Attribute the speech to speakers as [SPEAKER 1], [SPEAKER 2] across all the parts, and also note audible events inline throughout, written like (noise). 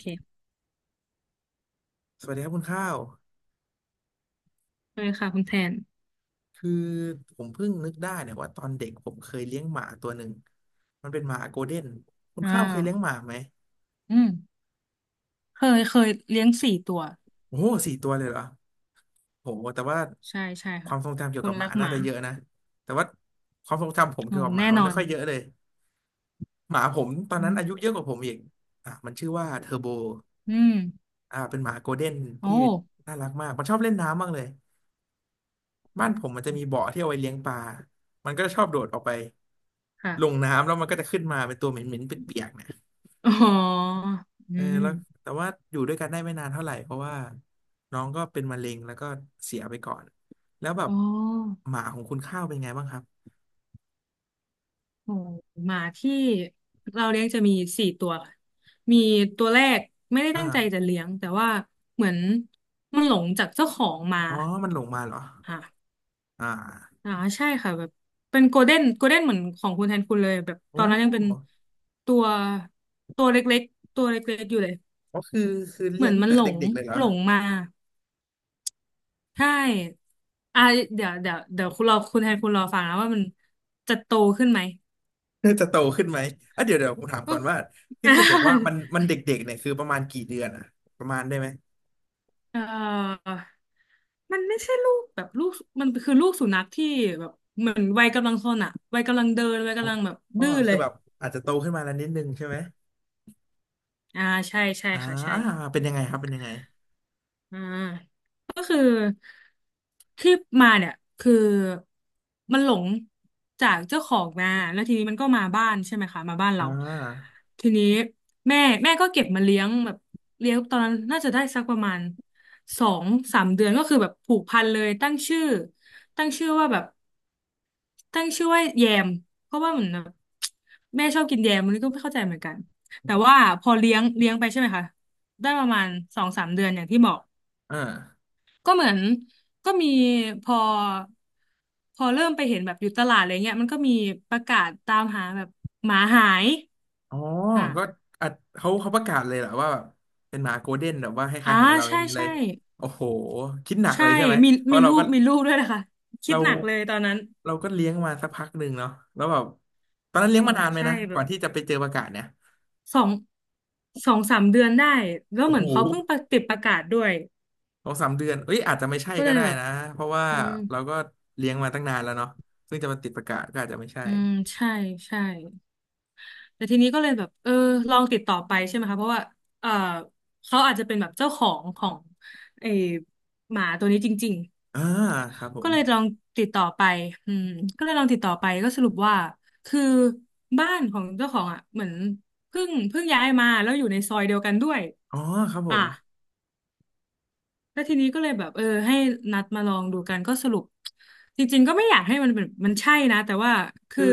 [SPEAKER 1] เค
[SPEAKER 2] สวัสดีครับคุณข้าว
[SPEAKER 1] เคยค่ะคุณแทน
[SPEAKER 2] คือผมเพิ่งนึกได้เนี่ยว่าตอนเด็กผมเคยเลี้ยงหมาตัวหนึ่งมันเป็นหมาโกลเด้นคุณ
[SPEAKER 1] อ่
[SPEAKER 2] ข้าวเคยเลี้ยง
[SPEAKER 1] า
[SPEAKER 2] หมาไหม
[SPEAKER 1] อืมเคยเลี้ยงสี่ตัว
[SPEAKER 2] โอ้โห4 ตัวเลยเหรอโอหแต่ว่า
[SPEAKER 1] ใช่ใช่
[SPEAKER 2] ค
[SPEAKER 1] ค่ะ
[SPEAKER 2] วามทรงจำเกี่ย
[SPEAKER 1] ค
[SPEAKER 2] วกั
[SPEAKER 1] น
[SPEAKER 2] บห
[SPEAKER 1] รั
[SPEAKER 2] มา
[SPEAKER 1] กห
[SPEAKER 2] น่า
[SPEAKER 1] มา
[SPEAKER 2] จะเยอะนะแต่ว่าความทรงจำผม
[SPEAKER 1] โอ้
[SPEAKER 2] เกี่ยวกับหมา
[SPEAKER 1] แน่
[SPEAKER 2] มั
[SPEAKER 1] น
[SPEAKER 2] น
[SPEAKER 1] อ
[SPEAKER 2] ไม่
[SPEAKER 1] น
[SPEAKER 2] ค่อยเยอะเลยหมาผมตอนนั้
[SPEAKER 1] อื
[SPEAKER 2] นอายุ
[SPEAKER 1] ม
[SPEAKER 2] เยอะกว่าผมอีกอ่ะมันชื่อว่าเทอร์โบ
[SPEAKER 1] อืม
[SPEAKER 2] เป็นหมาโกลเด้น
[SPEAKER 1] โอ้
[SPEAKER 2] ที่น่ารักมากมันชอบเล่นน้ำมากเลย บ้านผมมันจะมีบ่อที่เอาไว้เลี้ยงปลามันก็ชอบโดดออกไป
[SPEAKER 1] ค่ะ
[SPEAKER 2] ลงน้ำแล้วมันก็จะขึ้นมาเป็นตัวเหม็นๆเปียกๆเนี่ย
[SPEAKER 1] อ๋ออืม
[SPEAKER 2] แล้วแต่ว่าอยู่ด้วยกันได้ไม่นานเท่าไหร่เพราะว่าน้องก็เป็นมะเร็งแล้วก็เสียไปก่อน แล้วแบบ
[SPEAKER 1] อ๋อ
[SPEAKER 2] หมาของคุณข้าวเป็นไงบ้างครับ
[SPEAKER 1] โอ้หมาที่เราเลี้ยงจะมีสี่ตัวค่ะมีตัวแรกไม่ได้ตั้งใจจะ
[SPEAKER 2] อ่า
[SPEAKER 1] เลี้ยงแต่ว่าเหมือนมันหลงจากเจ้าของมา
[SPEAKER 2] อ๋อมันหลงมาเหรอ
[SPEAKER 1] ค่ะ
[SPEAKER 2] อ่า
[SPEAKER 1] อ่าใช่ค่ะแบบเป็นโกลเด้นโกลเด้นเหมือนของคุณแทนคุณเลยแบบต
[SPEAKER 2] โอ้
[SPEAKER 1] อนนั้นยังเป็นตัวตัวเล็กๆตัวเล็กๆอยู่เลย
[SPEAKER 2] ก็คือคือ
[SPEAKER 1] เห
[SPEAKER 2] เลี้
[SPEAKER 1] มื
[SPEAKER 2] ย
[SPEAKER 1] อ
[SPEAKER 2] ง
[SPEAKER 1] น
[SPEAKER 2] ตั้
[SPEAKER 1] มั
[SPEAKER 2] ง
[SPEAKER 1] น
[SPEAKER 2] แต่
[SPEAKER 1] หลง
[SPEAKER 2] เด็กๆเลยเหรอ
[SPEAKER 1] หลงมาใช่อ่าเดี๋ยวคุณรอคุณแทนคุณรอฟังนะว่ามันจะโตขึ้นไหม
[SPEAKER 2] (laughs) จะโตขึ้นไหมอ่ะเดี๋ยวผมถาม
[SPEAKER 1] ก็
[SPEAKER 2] ก่อนว่าที่
[SPEAKER 1] อ่า
[SPEAKER 2] คุณบอกว่ามันเด็กๆเนี่ยคือประมาณกี่เดือนอะประมาณได้ไหม
[SPEAKER 1] (laughs) เออมันไม่ใช่ลูกแบบลูกมันคือลูกสุนัขที่แบบเหมือนวัยกำลังซนอ่ะวัยกำลังเดินวัยกำลังแบบ
[SPEAKER 2] อ๋อ
[SPEAKER 1] ดื้อเล
[SPEAKER 2] คือ
[SPEAKER 1] ย
[SPEAKER 2] แบบอาจจะโตขึ้นมาแล้วนิดนึงใช่ไหม
[SPEAKER 1] อ่าใช่ใช่
[SPEAKER 2] อ่า
[SPEAKER 1] ค่ะใช่
[SPEAKER 2] เป็นยังไงครับเป็นยังไง
[SPEAKER 1] อ่าก็คือที่มาเนี่ยคือมันหลงจากเจ้าของมาแล้วทีนี้มันก็มาบ้านใช่ไหมคะมาบ้าน
[SPEAKER 2] อ่
[SPEAKER 1] เรา
[SPEAKER 2] า
[SPEAKER 1] ทีนี้แม่แม่ก็เก็บมาเลี้ยงแบบเลี้ยงตอนนั้นน่าจะได้สักประมาณสองสามเดือนก็คือแบบผูกพันเลยตั้งชื่อว่าแบบตั้งชื่อว่าแยมเพราะว่าเหมือนแบบแม่ชอบกินแยมมันนก็ไม่เข้าใจเหมือนกันแต่ว่าพอเลี้ยงไปใช่ไหมคะได้ประมาณสองสามเดือนอย่างที่บอก
[SPEAKER 2] อ่า
[SPEAKER 1] ก็เหมือนก็มีพอพอเริ่มไปเห็นแบบอยู่ตลาดอะไรเงี้ยมันก็มีประกาศตามหาแบบหมาหาย
[SPEAKER 2] อ๋อ
[SPEAKER 1] อ่า
[SPEAKER 2] ก็อ่ะเขาประกาศเลยเหรอว่าแบบเป็นหมาโกลเด้นแบบว่าคล้า
[SPEAKER 1] อ่า
[SPEAKER 2] ยๆของเราอ
[SPEAKER 1] ใช่
[SPEAKER 2] ย่างนี้เล
[SPEAKER 1] ใช่
[SPEAKER 2] ยโอ้โหคิดหนัก
[SPEAKER 1] ใช่
[SPEAKER 2] เลยใช่ไหม
[SPEAKER 1] มี
[SPEAKER 2] เพ
[SPEAKER 1] มี
[SPEAKER 2] ราะเรา
[SPEAKER 1] รู
[SPEAKER 2] ก็
[SPEAKER 1] ปมีรูปด้วยนะคะคิด
[SPEAKER 2] เรา
[SPEAKER 1] หนักเลยตอนนั้น
[SPEAKER 2] เราก็เลี้ยงมาสักพักหนึ่งเนาะแล้วแบบตอนนั้นเลี้
[SPEAKER 1] โห
[SPEAKER 2] ยงมานานไหม
[SPEAKER 1] ใช่
[SPEAKER 2] นะ
[SPEAKER 1] แบ
[SPEAKER 2] ก่อ
[SPEAKER 1] บ
[SPEAKER 2] นที่จะไปเจอประกาศเนี่ย
[SPEAKER 1] สองสองสามเดือนได้แล้ว
[SPEAKER 2] โอ้
[SPEAKER 1] เหมื
[SPEAKER 2] โห
[SPEAKER 1] อนเขาเพิ่งประติดประกาศด้วย
[SPEAKER 2] 2-3 เดือนเอ้ยอาจจะไม่ใช่
[SPEAKER 1] ก็
[SPEAKER 2] ก็
[SPEAKER 1] เลย
[SPEAKER 2] ได้
[SPEAKER 1] แบบ
[SPEAKER 2] นะเพราะว่า
[SPEAKER 1] อืม
[SPEAKER 2] เราก็เลี้ยงมาตั้งนานแล้วเนาะซึ่งจะมาติดประกาศก็อาจจะไม่ใช่
[SPEAKER 1] อืมใช่ใช่ แต่ทีนี้ก็เลยแบบเออลองติดต่อไปใช่ไหมคะเพราะว่าเออเขาอาจจะเป็นแบบเจ้าของของไอ้หมาตัวนี้จริง
[SPEAKER 2] อ่าครับผ
[SPEAKER 1] ๆก็
[SPEAKER 2] ม
[SPEAKER 1] เลยลองติดต่อไปอืมก็เลยลองติดต่อไปก็สรุปว่าคือบ้านของเจ้าของอ่ะเหมือนเพิ่งย้ายมาแล้วอยู่ในซอยเดียวกันด้วย
[SPEAKER 2] อ๋อครับผ
[SPEAKER 1] อ่ะ
[SPEAKER 2] ม
[SPEAKER 1] แล้วทีนี้ก็เลยแบบเออให้นัดมาลองดูกันก็สรุปจริงๆก็ไม่อยากให้มันเป็นมันใช่นะแต่ว่าคื
[SPEAKER 2] คื
[SPEAKER 1] อ
[SPEAKER 2] อ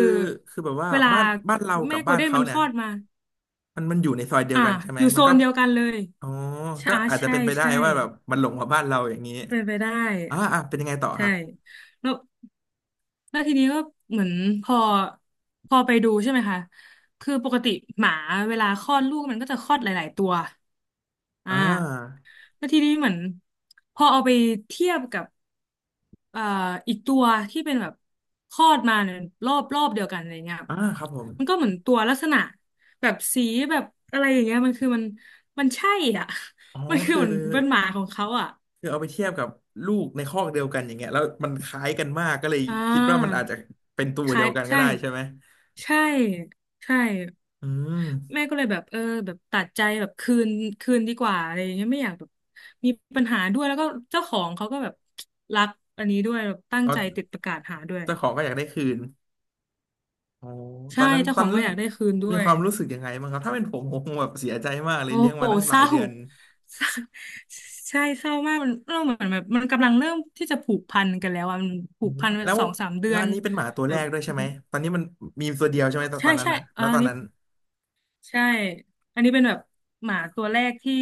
[SPEAKER 2] คือแบบว่า
[SPEAKER 1] เวลา
[SPEAKER 2] บ้านเรากั
[SPEAKER 1] แม่
[SPEAKER 2] บ
[SPEAKER 1] โก
[SPEAKER 2] บ้า
[SPEAKER 1] ล
[SPEAKER 2] น
[SPEAKER 1] เด้น
[SPEAKER 2] เขา
[SPEAKER 1] มันค
[SPEAKER 2] เนี่ย
[SPEAKER 1] ลอดมา
[SPEAKER 2] มันอยู่ในซอยเดียว
[SPEAKER 1] อ่ะ
[SPEAKER 2] กันใช่ไห
[SPEAKER 1] อ
[SPEAKER 2] ม
[SPEAKER 1] ยู่
[SPEAKER 2] มั
[SPEAKER 1] โซ
[SPEAKER 2] นก็
[SPEAKER 1] นเดียวกันเลย
[SPEAKER 2] อ๋อก็
[SPEAKER 1] ใช่า
[SPEAKER 2] อาจจะ
[SPEAKER 1] ใช่
[SPEAKER 2] เป็นไปได้
[SPEAKER 1] ใช่
[SPEAKER 2] ว่าแบบมันหลงมาบ้านเราอย่างนี้
[SPEAKER 1] เป็นไปได้
[SPEAKER 2] อ่าอ่าเป็นยังไงต่อ
[SPEAKER 1] ใช่
[SPEAKER 2] ครับ
[SPEAKER 1] แล้วทีนี้ก็เหมือนพอพอไปดูใช่ไหมคะคือปกติหมาเวลาคลอดลูกมันก็จะคลอดหลายๆตัวอ่
[SPEAKER 2] อ่า
[SPEAKER 1] าแล้วทีนี้เหมือนพอเอาไปเทียบกับ เอ่ออีกตัวที่เป็นแบบคลอดมาเนี่ยรอบเดียวกันอะไรเงี้ย
[SPEAKER 2] อ่าครับผม
[SPEAKER 1] มันก็เหมือนตัวลักษณะแบบสีแบบอะไรอย่างเงี้ยมันคือมันใช่อ่ะ
[SPEAKER 2] อ๋อ
[SPEAKER 1] (laughs) มันคือ
[SPEAKER 2] คือ
[SPEAKER 1] เหมือนเป็นหมาของเขาอ่ะ
[SPEAKER 2] คือเอาไปเทียบกับลูกในคอกเดียวกันอย่างเงี้ยแล้วมันคล้ายกันมากก็เลย
[SPEAKER 1] อ่า
[SPEAKER 2] คิดว่ามันอาจจะเป็นตัว
[SPEAKER 1] ค
[SPEAKER 2] เดี
[SPEAKER 1] ล้า
[SPEAKER 2] ย
[SPEAKER 1] ย
[SPEAKER 2] วกันก็
[SPEAKER 1] ใช่
[SPEAKER 2] ได้ใช่ไหม
[SPEAKER 1] ใช่ใช่
[SPEAKER 2] อืม
[SPEAKER 1] แม่ก็เลยแบบเออแบบตัดใจแบบคืนคืนดีกว่าอะไรอย่างเงี้ยไม่อยากแบบมีปัญหาด้วยแล้วก็เจ้าของเขาก็แบบรักอันนี้ด้วยแบบตั้
[SPEAKER 2] เพ
[SPEAKER 1] ง
[SPEAKER 2] ราะ
[SPEAKER 1] ใจติดประกาศหาด้วย
[SPEAKER 2] เจ้าของก็อยากได้คืน โอ้ตอ
[SPEAKER 1] ใช่
[SPEAKER 2] นนั้น
[SPEAKER 1] เจ้า
[SPEAKER 2] ตอ
[SPEAKER 1] ข
[SPEAKER 2] น
[SPEAKER 1] อง
[SPEAKER 2] นั้น
[SPEAKER 1] ก็อยากได้คืนด้
[SPEAKER 2] มี
[SPEAKER 1] ว
[SPEAKER 2] ค
[SPEAKER 1] ย
[SPEAKER 2] วามรู้สึกยังไงบ้างครับถ้าเป็นผมคงแบบเสียใจมากเลย
[SPEAKER 1] โอ้
[SPEAKER 2] เลี้ยง
[SPEAKER 1] โห
[SPEAKER 2] มาตั้งห
[SPEAKER 1] เศ
[SPEAKER 2] ลาย
[SPEAKER 1] ร้า
[SPEAKER 2] เดือน
[SPEAKER 1] (laughs) เศร้าใช่เศร้ามากมันเริ่มเหมือนแบบมันกำลังเริ่มที่จะผูกพันกันแล้วอ่ะมัน
[SPEAKER 2] อื
[SPEAKER 1] ผูก
[SPEAKER 2] ม
[SPEAKER 1] พันแบ
[SPEAKER 2] แล้
[SPEAKER 1] บ
[SPEAKER 2] ว
[SPEAKER 1] สองสามเดื
[SPEAKER 2] แล้ว
[SPEAKER 1] อน
[SPEAKER 2] อันนี้เป็นหมาตัว
[SPEAKER 1] แบ
[SPEAKER 2] แร
[SPEAKER 1] บ
[SPEAKER 2] กด้วยใช่ไหม ตอนนี้มันมีตัวเดียวใช่ไหมตอน
[SPEAKER 1] ใช่
[SPEAKER 2] ตอนนั้น
[SPEAKER 1] ใช่
[SPEAKER 2] นะ
[SPEAKER 1] เออ
[SPEAKER 2] ณตอนนั้น
[SPEAKER 1] ใช่อันนี้เป็นแบบหมาตัวแรกที่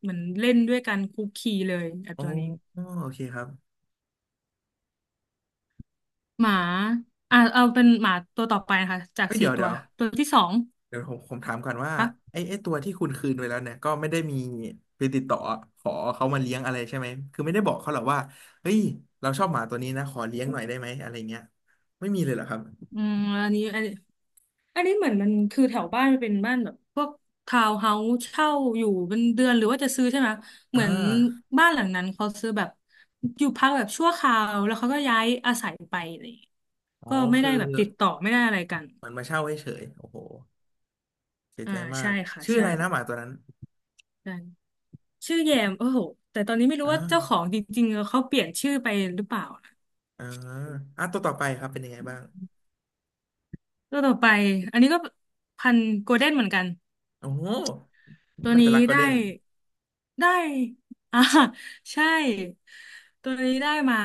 [SPEAKER 1] เหมือนเล่นด้วยกันคุกคีเลยไอบ
[SPEAKER 2] อ๋อ
[SPEAKER 1] ตัวนี้
[SPEAKER 2] โอเคครับ
[SPEAKER 1] หมาอ่ะเอาเป็นหมาตัวต่อไปนะคะจาก
[SPEAKER 2] เอ้ย
[SPEAKER 1] สี่
[SPEAKER 2] เดี๋ยว
[SPEAKER 1] ตั
[SPEAKER 2] เดี๋
[SPEAKER 1] ว
[SPEAKER 2] ยว
[SPEAKER 1] ตัวที่สอง
[SPEAKER 2] เดี๋ยวผมถามก่อนว่า
[SPEAKER 1] ค่ะ
[SPEAKER 2] ไอ้ตัวที่คุณคืนไปแล้วเนี่ยก็ไม่ได้มีไปติดต่อขอเขามาเลี้ยงอะไรใช่ไหมคือไม่ได้บอกเขาหรอกว่าเฮ้ยเราชอบหมาตัวนี้นะขอเลี้ยงหน่อยได้ไหมอะไรเงี้ยไม่มีเลยเหรอครับ
[SPEAKER 1] อืมอันนี้ อันนี้เหมือนมันคือแถวบ้านมันเป็นบ้านแบบพวกทาวน์เฮาส์เช่าอยู่เป็นเดือนหรือว่าจะซื้อใช่ไหมเห
[SPEAKER 2] อ่
[SPEAKER 1] มือน
[SPEAKER 2] า
[SPEAKER 1] บ้านหลังนั้นเขาซื้อแบบอยู่พักแบบชั่วคราวแล้วเขาก็ย้ายอาศัยไปอะไรอย่างเลย
[SPEAKER 2] อ๋อ
[SPEAKER 1] ก็ไม่
[SPEAKER 2] คื
[SPEAKER 1] ได้
[SPEAKER 2] อ
[SPEAKER 1] แบบติดต่อไม่ได้อะไรกัน
[SPEAKER 2] เหมือนมาเช่าเฉยๆโอ้โห เสีย
[SPEAKER 1] อ่า
[SPEAKER 2] ใจมา
[SPEAKER 1] ใช่
[SPEAKER 2] ก
[SPEAKER 1] ค่ะ
[SPEAKER 2] ชื่ออะ
[SPEAKER 1] ใช่
[SPEAKER 2] ไรนะหมาตัวนั้น
[SPEAKER 1] ใช่ชื่อแยมโอ้โหแต่ตอนนี้ไม่รู้
[SPEAKER 2] อ่
[SPEAKER 1] ว่าเจ้าของ
[SPEAKER 2] า
[SPEAKER 1] จริงๆเขาเปลี่ยนชื่อไปหรือเปล่านะ
[SPEAKER 2] เอออ่ะตัวต่อไปครับเป็นยังไงบ้าง
[SPEAKER 1] ตัวต่อไปอันนี้ก็พันธุ์โกลเด้นเหมือนกัน
[SPEAKER 2] โอ้โห
[SPEAKER 1] ตัว
[SPEAKER 2] น่าจะ
[SPEAKER 1] นี้
[SPEAKER 2] รักโกล
[SPEAKER 1] ได้
[SPEAKER 2] เด้น
[SPEAKER 1] ได้อ่า (laughs) ใช่ ตัวนี้ได้มา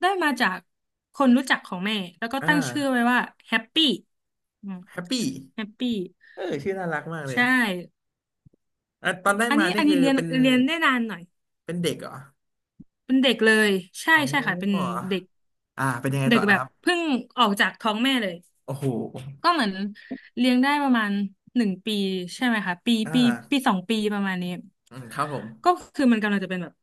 [SPEAKER 1] ได้มาจากคนรู้จักของแม่แล้วก็
[SPEAKER 2] อ่า
[SPEAKER 1] ตั้งชื่อไว้ว่าแฮปปี้อืม
[SPEAKER 2] แฮปปี้
[SPEAKER 1] แฮปปี้
[SPEAKER 2] เออชื่อน่ารักมากเลย
[SPEAKER 1] ใช่
[SPEAKER 2] อ่ะตอ
[SPEAKER 1] อื
[SPEAKER 2] น
[SPEAKER 1] ม
[SPEAKER 2] ได้
[SPEAKER 1] อัน
[SPEAKER 2] มา
[SPEAKER 1] นี้
[SPEAKER 2] นี่
[SPEAKER 1] อัน
[SPEAKER 2] คื
[SPEAKER 1] นี้
[SPEAKER 2] อ
[SPEAKER 1] เรียน
[SPEAKER 2] เป็น
[SPEAKER 1] เรียนได้นานหน่อย
[SPEAKER 2] เป็นเด็กเหรอ
[SPEAKER 1] เป็นเด็กเลย ใช่
[SPEAKER 2] อ๋
[SPEAKER 1] ใช่ค่ะเป็น
[SPEAKER 2] อ
[SPEAKER 1] เด็ก
[SPEAKER 2] อ่าเป็นยังไง
[SPEAKER 1] เด็
[SPEAKER 2] ต่
[SPEAKER 1] ก
[SPEAKER 2] อ
[SPEAKER 1] แบ
[SPEAKER 2] นะค
[SPEAKER 1] บ
[SPEAKER 2] รับ
[SPEAKER 1] เพิ่งออกจากท้องแม่เลย
[SPEAKER 2] โอ้โห
[SPEAKER 1] ก็เหมือนเลี้ยงได้ประมาณ1 ปีใช่ไหมคะปี
[SPEAKER 2] อ่า
[SPEAKER 1] ปีปี2 ปีประมาณนี้
[SPEAKER 2] อืมครับผม
[SPEAKER 1] ก็คือมันกำลังจะเป็นแบบ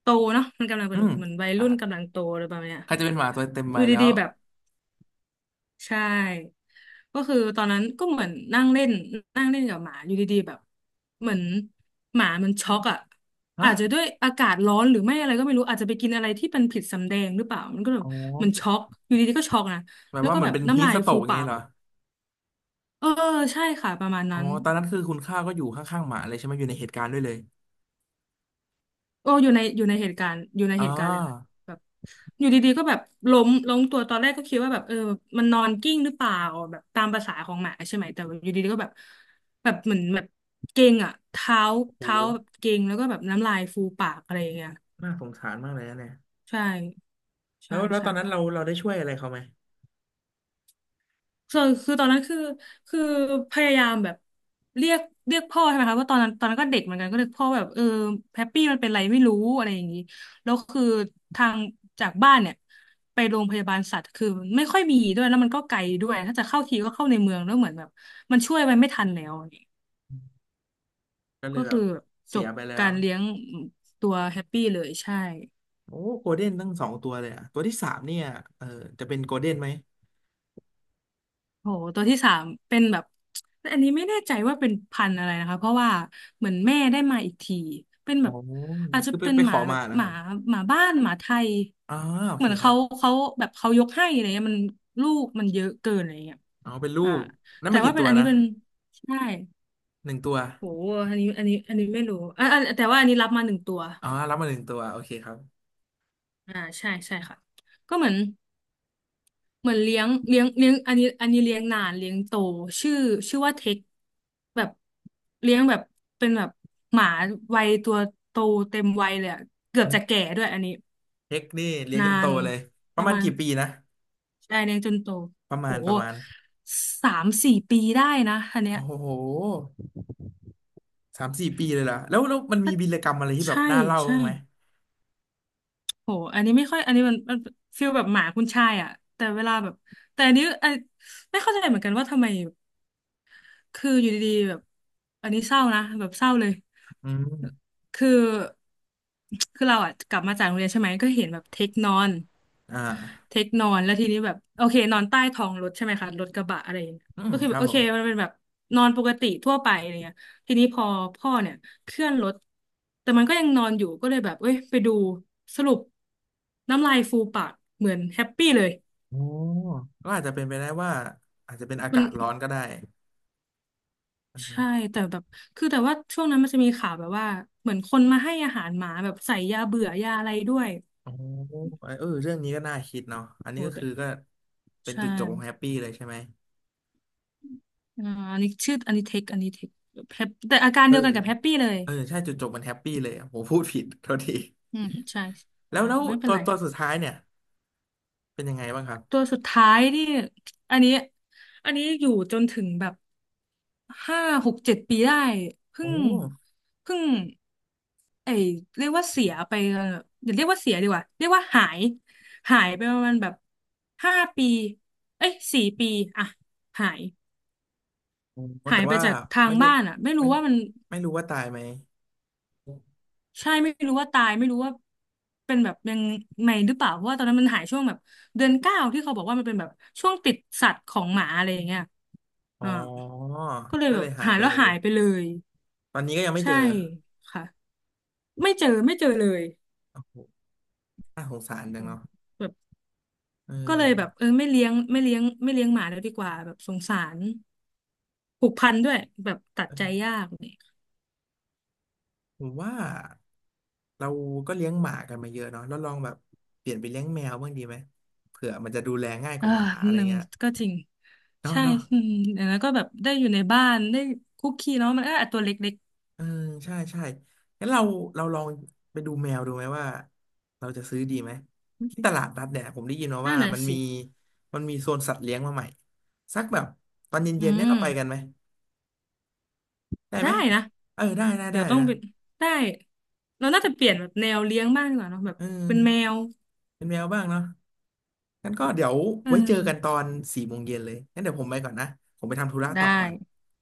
[SPEAKER 1] โตเนาะมันกำลังเป็
[SPEAKER 2] อื
[SPEAKER 1] น
[SPEAKER 2] ม
[SPEAKER 1] เหมือนวัย
[SPEAKER 2] อ่า
[SPEAKER 1] รุ่นกำลังโตอะไรประมาณเนี้ย
[SPEAKER 2] ใครจะเป็นหมาตัวเต็ม
[SPEAKER 1] อ
[SPEAKER 2] ใบ
[SPEAKER 1] ยู่
[SPEAKER 2] แล้
[SPEAKER 1] ดี
[SPEAKER 2] ว
[SPEAKER 1] ๆแบบใช่ก็คือตอนนั้นก็เหมือนนั่งเล่นนั่งเล่นกับหมาอยู่ดีๆแบบเหมือนหมามันช็อกอ่ะ
[SPEAKER 2] ฮะ
[SPEAKER 1] อาจจะด้วยอากาศร้อนหรือไม่อะไรก็ไม่รู้อาจจะไปกินอะไรที่เป็นผิดสำแดงหรือเปล่ามันก็แบ
[SPEAKER 2] อ๋
[SPEAKER 1] บ
[SPEAKER 2] อ
[SPEAKER 1] มันช็อกอยู่ดีๆก็ช็อกนะ
[SPEAKER 2] แบบ
[SPEAKER 1] แล้ว
[SPEAKER 2] ว่า
[SPEAKER 1] ก็
[SPEAKER 2] เหมือ
[SPEAKER 1] แบ
[SPEAKER 2] น
[SPEAKER 1] บ
[SPEAKER 2] เป็นฮี
[SPEAKER 1] น้ำ
[SPEAKER 2] ท
[SPEAKER 1] ลาย
[SPEAKER 2] สโตร
[SPEAKER 1] ฟู
[SPEAKER 2] กอย่าง
[SPEAKER 1] ปา
[SPEAKER 2] งี้
[SPEAKER 1] ก
[SPEAKER 2] เหรอ
[SPEAKER 1] อ่ะเออใช่ค่ะประมาณ
[SPEAKER 2] อ๋อ
[SPEAKER 1] นั้น
[SPEAKER 2] ตอนนั้นคือคุณข้าก็อยู่ข้างๆหมาเลยใช่ไหมอยู่ในเหตุการณ์ด้วยเลย
[SPEAKER 1] โอ้อยู่ในอยู่ในเหตุการณ์อยู่ใน
[SPEAKER 2] อ๋อ
[SPEAKER 1] เหตุการณ์เลยค่ะแบบอยู่ดีๆก็แบบล้มล้มตัวตอนแรกก็คิดว่าแบบเออมันนอนกิ้งหรือเปล่าแบบตามประสาของหมาใช่ไหมแต่ว่าอยู่ดีๆก็แบบแบบเหมือนแบบเก่งอ่ะเท้าเท้า
[SPEAKER 2] โห
[SPEAKER 1] แบบเก่งแล้วก็แบบน้ำลายฟูปากอะไรอย่างเงี้ย
[SPEAKER 2] น่าสงสารมากเลยนะเนี่ย
[SPEAKER 1] ใช่
[SPEAKER 2] แล้
[SPEAKER 1] ใช่
[SPEAKER 2] วแล้วต
[SPEAKER 1] ใช่
[SPEAKER 2] อนนั้นเราได้ช่วยอะไรเขาไหม
[SPEAKER 1] ส่วนคือตอนนั้นคือคือพยายามแบบเรียกเรียกพ่อใช่ไหมคะว่าะตอนนั้นตอนนั้นก็เด็กเหมือนกันก็เรียกพ่อแบบเออแฮปปี้มันเป็นไรไม่รู้อะไรอย่างนี้แล้วคือทางจากบ้านเนี่ยไปโรงพยาบาลสัตว์คือไม่ค่อยมีด้วยแล้วมันก็ไกลด้วยถ้าจะเข้าทีก็เข้าในเมืองแล้วเหมือนแบบมันช่วยไปไม่ทันแล้วอย่างงี้
[SPEAKER 2] ก็เล
[SPEAKER 1] ก็
[SPEAKER 2] ยแบ
[SPEAKER 1] คื
[SPEAKER 2] บ
[SPEAKER 1] อจ
[SPEAKER 2] เสีย
[SPEAKER 1] บ
[SPEAKER 2] ไปแล้
[SPEAKER 1] กา
[SPEAKER 2] ว
[SPEAKER 1] รเลี้ยงตัวแฮปปี้เลยใช่
[SPEAKER 2] โอ้โกลเด้นตั้ง2 ตัวเลยอ่ะตัวที่สามเนี่ยเออจะเป็นโกลเด้นไหม
[SPEAKER 1] โหตัวที่สามเป็นแบบอันนี้ไม่แน่ใจว่าเป็นพันธุ์อะไรนะคะเพราะว่าเหมือนแม่ได้มาอีกทีเป็น
[SPEAKER 2] อ๋อ
[SPEAKER 1] แบบอาจจะ
[SPEAKER 2] คือไป
[SPEAKER 1] เป็น
[SPEAKER 2] ไป
[SPEAKER 1] ห
[SPEAKER 2] ข
[SPEAKER 1] มา
[SPEAKER 2] อ
[SPEAKER 1] แบ
[SPEAKER 2] มา
[SPEAKER 1] บ
[SPEAKER 2] นะ
[SPEAKER 1] ห
[SPEAKER 2] ค
[SPEAKER 1] มา
[SPEAKER 2] รับ
[SPEAKER 1] หมาบ้านหมาไทย
[SPEAKER 2] อ๋อโอ
[SPEAKER 1] เห
[SPEAKER 2] เค
[SPEAKER 1] มือน
[SPEAKER 2] ครั
[SPEAKER 1] เขา
[SPEAKER 2] บ
[SPEAKER 1] เขาแบบเขายกให้อะไรเงี้ยมันลูกมันเยอะเกินอะไรเงี้ย
[SPEAKER 2] อ๋อเป็นลู
[SPEAKER 1] อ่า
[SPEAKER 2] กนั่น
[SPEAKER 1] แต่
[SPEAKER 2] มา
[SPEAKER 1] ว่า
[SPEAKER 2] กี่
[SPEAKER 1] เป็น
[SPEAKER 2] ตัว
[SPEAKER 1] อันนี้
[SPEAKER 2] นะ
[SPEAKER 1] เป็นใช่
[SPEAKER 2] หนึ่งตัว
[SPEAKER 1] โหอันนี้อันนี้อันนี้ไม่รู้อ่าแต่ว่าอันนี้รับมา1 ตัว
[SPEAKER 2] อ๋อรับมาหนึ่งตัวโอเคครับ
[SPEAKER 1] อ่าใช่ใช่ค่ะก็เหมือน เหมือนเลี้ยงเลี้ยงเลี้ยงอันนี้อันนี้เลี้ยงนานเลี้ยงโตชื่อชื่อว่าเทคแบบเลี้ยงแบบเป็นแบบหมาวัยตัวโตเต็มวัยเลยอะเกือบจะแก่ด้วยอันนี้
[SPEAKER 2] เฮกนี่เลี้ยง
[SPEAKER 1] นา
[SPEAKER 2] จนโต
[SPEAKER 1] น
[SPEAKER 2] เลยป
[SPEAKER 1] ป
[SPEAKER 2] ระ
[SPEAKER 1] ระ
[SPEAKER 2] มาณ
[SPEAKER 1] มาณ
[SPEAKER 2] กี่ปีนะ
[SPEAKER 1] ได้เลี้ยงจนโต
[SPEAKER 2] ประ
[SPEAKER 1] โห
[SPEAKER 2] มาณประมาณ
[SPEAKER 1] 3-4 ปีได้นะอันเนี้
[SPEAKER 2] โอ้
[SPEAKER 1] ย
[SPEAKER 2] โห3-4 ปีเลยล่ะแล้วแล้วมันมีวีรกรรมอะไรที่แบบ
[SPEAKER 1] ใช่
[SPEAKER 2] น่าเล่า
[SPEAKER 1] ใช่
[SPEAKER 2] บ้างไหม
[SPEAKER 1] โหอันนี้ไม่ค่อยอันนี้มันมันฟีลแบบหมาคุณชายอะแต่เวลาแบบแต่อันนี้อันไม่เข้าใจเหมือนกันว่าทำไมคืออยู่ดีๆแบบอันนี้เศร้านะแบบเศร้าเลย
[SPEAKER 2] อืม
[SPEAKER 1] คือคือเราอ่ะกลับมาจากโรงเรียนใช่ไหมก็เห็นแบบเทคนอน
[SPEAKER 2] อ่
[SPEAKER 1] เท
[SPEAKER 2] า
[SPEAKER 1] คนอนแล้วทีนี้แบบโอเคนอนใต้ท้องรถใช่ไหมคะรถกระบะอะไรอย่างเงี้ย
[SPEAKER 2] อืม
[SPEAKER 1] ก็คือ
[SPEAKER 2] ค
[SPEAKER 1] แบ
[SPEAKER 2] รั
[SPEAKER 1] บ
[SPEAKER 2] บ
[SPEAKER 1] โอ
[SPEAKER 2] ผ
[SPEAKER 1] เค
[SPEAKER 2] ม
[SPEAKER 1] มันเป็นแบบนอนปกติทั่วไปอะไรเงี้ยทีนี้พอพ่อเนี่ยเคลื่อนรถแต่มันก็ยังนอนอยู่ก็เลยแบบเอ้ยไปดูสรุปน้ำลายฟูปากเหมือนแฮปปี้เลย
[SPEAKER 2] อ๋อก็อาจจะเป็นไปได้ว่าอาจจะเป็นอา
[SPEAKER 1] มั
[SPEAKER 2] กา
[SPEAKER 1] น
[SPEAKER 2] ศร้อนก็ได้อ่าฮะ
[SPEAKER 1] ใช่แต่แบบคือแต่ว่าช่วงนั้นมันจะมีข่าวแบบว่าเหมือนคนมาให้อาหารหมาแบบใส่ยาเบื่อยาอะไรด้วย
[SPEAKER 2] อ๋อเออเรื่องนี้ก็น่าคิดเนาะอันนี้
[SPEAKER 1] โอ้
[SPEAKER 2] ก็
[SPEAKER 1] แต่
[SPEAKER 2] คือก็เป็น
[SPEAKER 1] ใช่
[SPEAKER 2] จุดจบของแฮปปี้เลยใช่ไหม
[SPEAKER 1] อ่าอันนี้ชื่อ อันนี้เทคอันนี้เทคแฮปแต่อาการ
[SPEAKER 2] เออ
[SPEAKER 1] เดียวกันกับแฮปปี้เลย
[SPEAKER 2] เออใช่จุดจบมันแฮปปี้เลยผมพูดผิดโทษที
[SPEAKER 1] อืมใช่
[SPEAKER 2] แล้
[SPEAKER 1] อ่า
[SPEAKER 2] วแล้ว
[SPEAKER 1] ไม่เป็
[SPEAKER 2] ตั
[SPEAKER 1] น
[SPEAKER 2] ว
[SPEAKER 1] ไร
[SPEAKER 2] ตัว
[SPEAKER 1] ค่ะ
[SPEAKER 2] สุดท้ายเนี่ยเป็นยังไงบ้างครับ
[SPEAKER 1] ตัวสุดท้ายนี่อันนี้อันนี้อยู่จนถึงแบบ5-6-7 ปีได้เพิ่
[SPEAKER 2] โอ้
[SPEAKER 1] งเพิ่งไอเรียกว่าเสียไปอย่าเรียกว่าเสียดีกว่าเรียกว่าหายหายไปประมาณแบบ5 ปีเอ้ยสี่ปีอ่ะหาย
[SPEAKER 2] โอ้
[SPEAKER 1] หา
[SPEAKER 2] แต่
[SPEAKER 1] ยไป
[SPEAKER 2] ว่า
[SPEAKER 1] จากทาง
[SPEAKER 2] ไม่ได้
[SPEAKER 1] บ้านอ่ะไม่
[SPEAKER 2] ไม่
[SPEAKER 1] รู้ว่ามัน
[SPEAKER 2] ไม่รู้ว่าตายไหม
[SPEAKER 1] ใช่ไม่รู้ว่าตายไม่รู้ว่าเป็นแบบยังไงหรือเปล่าเพราะว่าตอนนั้นมันหายช่วงแบบเดือน 9ที่เขาบอกว่ามันเป็นแบบช่วงติดสัตว์ของหมาอะไรอย่างเงี้ย
[SPEAKER 2] อ๋อ
[SPEAKER 1] อ่าก็เลย
[SPEAKER 2] ก็
[SPEAKER 1] แบ
[SPEAKER 2] เล
[SPEAKER 1] บ
[SPEAKER 2] ยหาย
[SPEAKER 1] หาย
[SPEAKER 2] ไป
[SPEAKER 1] แล้ว
[SPEAKER 2] เลย
[SPEAKER 1] หายไปเลย
[SPEAKER 2] ตอนนี้ก็ยังไม่เจ
[SPEAKER 1] ใช่
[SPEAKER 2] อ
[SPEAKER 1] ค่ะไม่เจอไม่เจอเลย
[SPEAKER 2] โอ้โหน่าสงสารจั
[SPEAKER 1] อื
[SPEAKER 2] ง
[SPEAKER 1] ม
[SPEAKER 2] เนาะ
[SPEAKER 1] แบบ
[SPEAKER 2] เอ
[SPEAKER 1] ก็เลยแบบ
[SPEAKER 2] อ
[SPEAKER 1] เออไม่เลี้ยงไม่เลี้ยงไม่เลี้ยงหมาแล้วดีกว่าแบบสงสารผูกพันด้วยแบบตัดใจยากเนี่ย
[SPEAKER 2] ผมว่า เราก็เลี้ยงหมากันมาเยอะเนาะแล้วลองแบบเปลี่ยนไปเลี้ยงแมวบ้างดีไหมเผื่อมันจะดูแลง่ายก
[SPEAKER 1] อ่า
[SPEAKER 2] ว่าหมาอะไร
[SPEAKER 1] หนึ่ง
[SPEAKER 2] เงี้ย
[SPEAKER 1] ก็จริง
[SPEAKER 2] เนาะ
[SPEAKER 1] ใช่
[SPEAKER 2] เนาะ
[SPEAKER 1] อืมแล้วก็แบบได้อยู่ในบ้านได้คุกคีเนาะมันก็อ่ะตัวเล็ก
[SPEAKER 2] เออใช่ใช่งั้นเราลองไปดูแมวดูไหมว่าเราจะซื้อดีไหมที่ตลาดนัดเนี่ยผมได้ยินมา
[SPEAKER 1] นั่
[SPEAKER 2] ว่า
[SPEAKER 1] นน่ะ
[SPEAKER 2] มันมี
[SPEAKER 1] สิ
[SPEAKER 2] มีโซนสัตว์เลี้ยงมาใหม่สักแบบตอน
[SPEAKER 1] อื
[SPEAKER 2] เย็นๆเนี่ยเรา
[SPEAKER 1] ม
[SPEAKER 2] ไปกันไหมได้ไหม
[SPEAKER 1] ได้นะ
[SPEAKER 2] เออได้ได้
[SPEAKER 1] เดี๋
[SPEAKER 2] ได้
[SPEAKER 1] ยวต้อง
[SPEAKER 2] นะ
[SPEAKER 1] ไปได้ เราน่าจะเปลี่ยนแบบแนวเลี้ยงบ้างดีกว่าเนอะแบบ
[SPEAKER 2] เอ
[SPEAKER 1] เป็นแม
[SPEAKER 2] อ
[SPEAKER 1] ว
[SPEAKER 2] เป็นแมวบ้างเนาะงั้นก็เดี๋ยว
[SPEAKER 1] เอ
[SPEAKER 2] ไว้เจอกันต
[SPEAKER 1] อ
[SPEAKER 2] อน16:00เลยงั้นเดี๋ยวผมไปก่อนนะผมไปทำธุระ
[SPEAKER 1] ได้
[SPEAKER 2] ต่อก่อน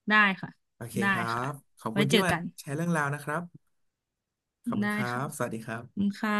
[SPEAKER 1] ได้ค่ะ
[SPEAKER 2] โอเค
[SPEAKER 1] ได้
[SPEAKER 2] ครั
[SPEAKER 1] ค่ะ
[SPEAKER 2] บ ขอบ
[SPEAKER 1] ไว้
[SPEAKER 2] คุณ
[SPEAKER 1] เจ
[SPEAKER 2] ที่
[SPEAKER 1] อ
[SPEAKER 2] มา
[SPEAKER 1] กัน
[SPEAKER 2] แชร์เรื่องราวนะครับ ขอบคุ
[SPEAKER 1] ได้
[SPEAKER 2] ณครั
[SPEAKER 1] ค่ะ
[SPEAKER 2] บ สวัสดีครั
[SPEAKER 1] ขอบคุ
[SPEAKER 2] บ
[SPEAKER 1] ณค่ะ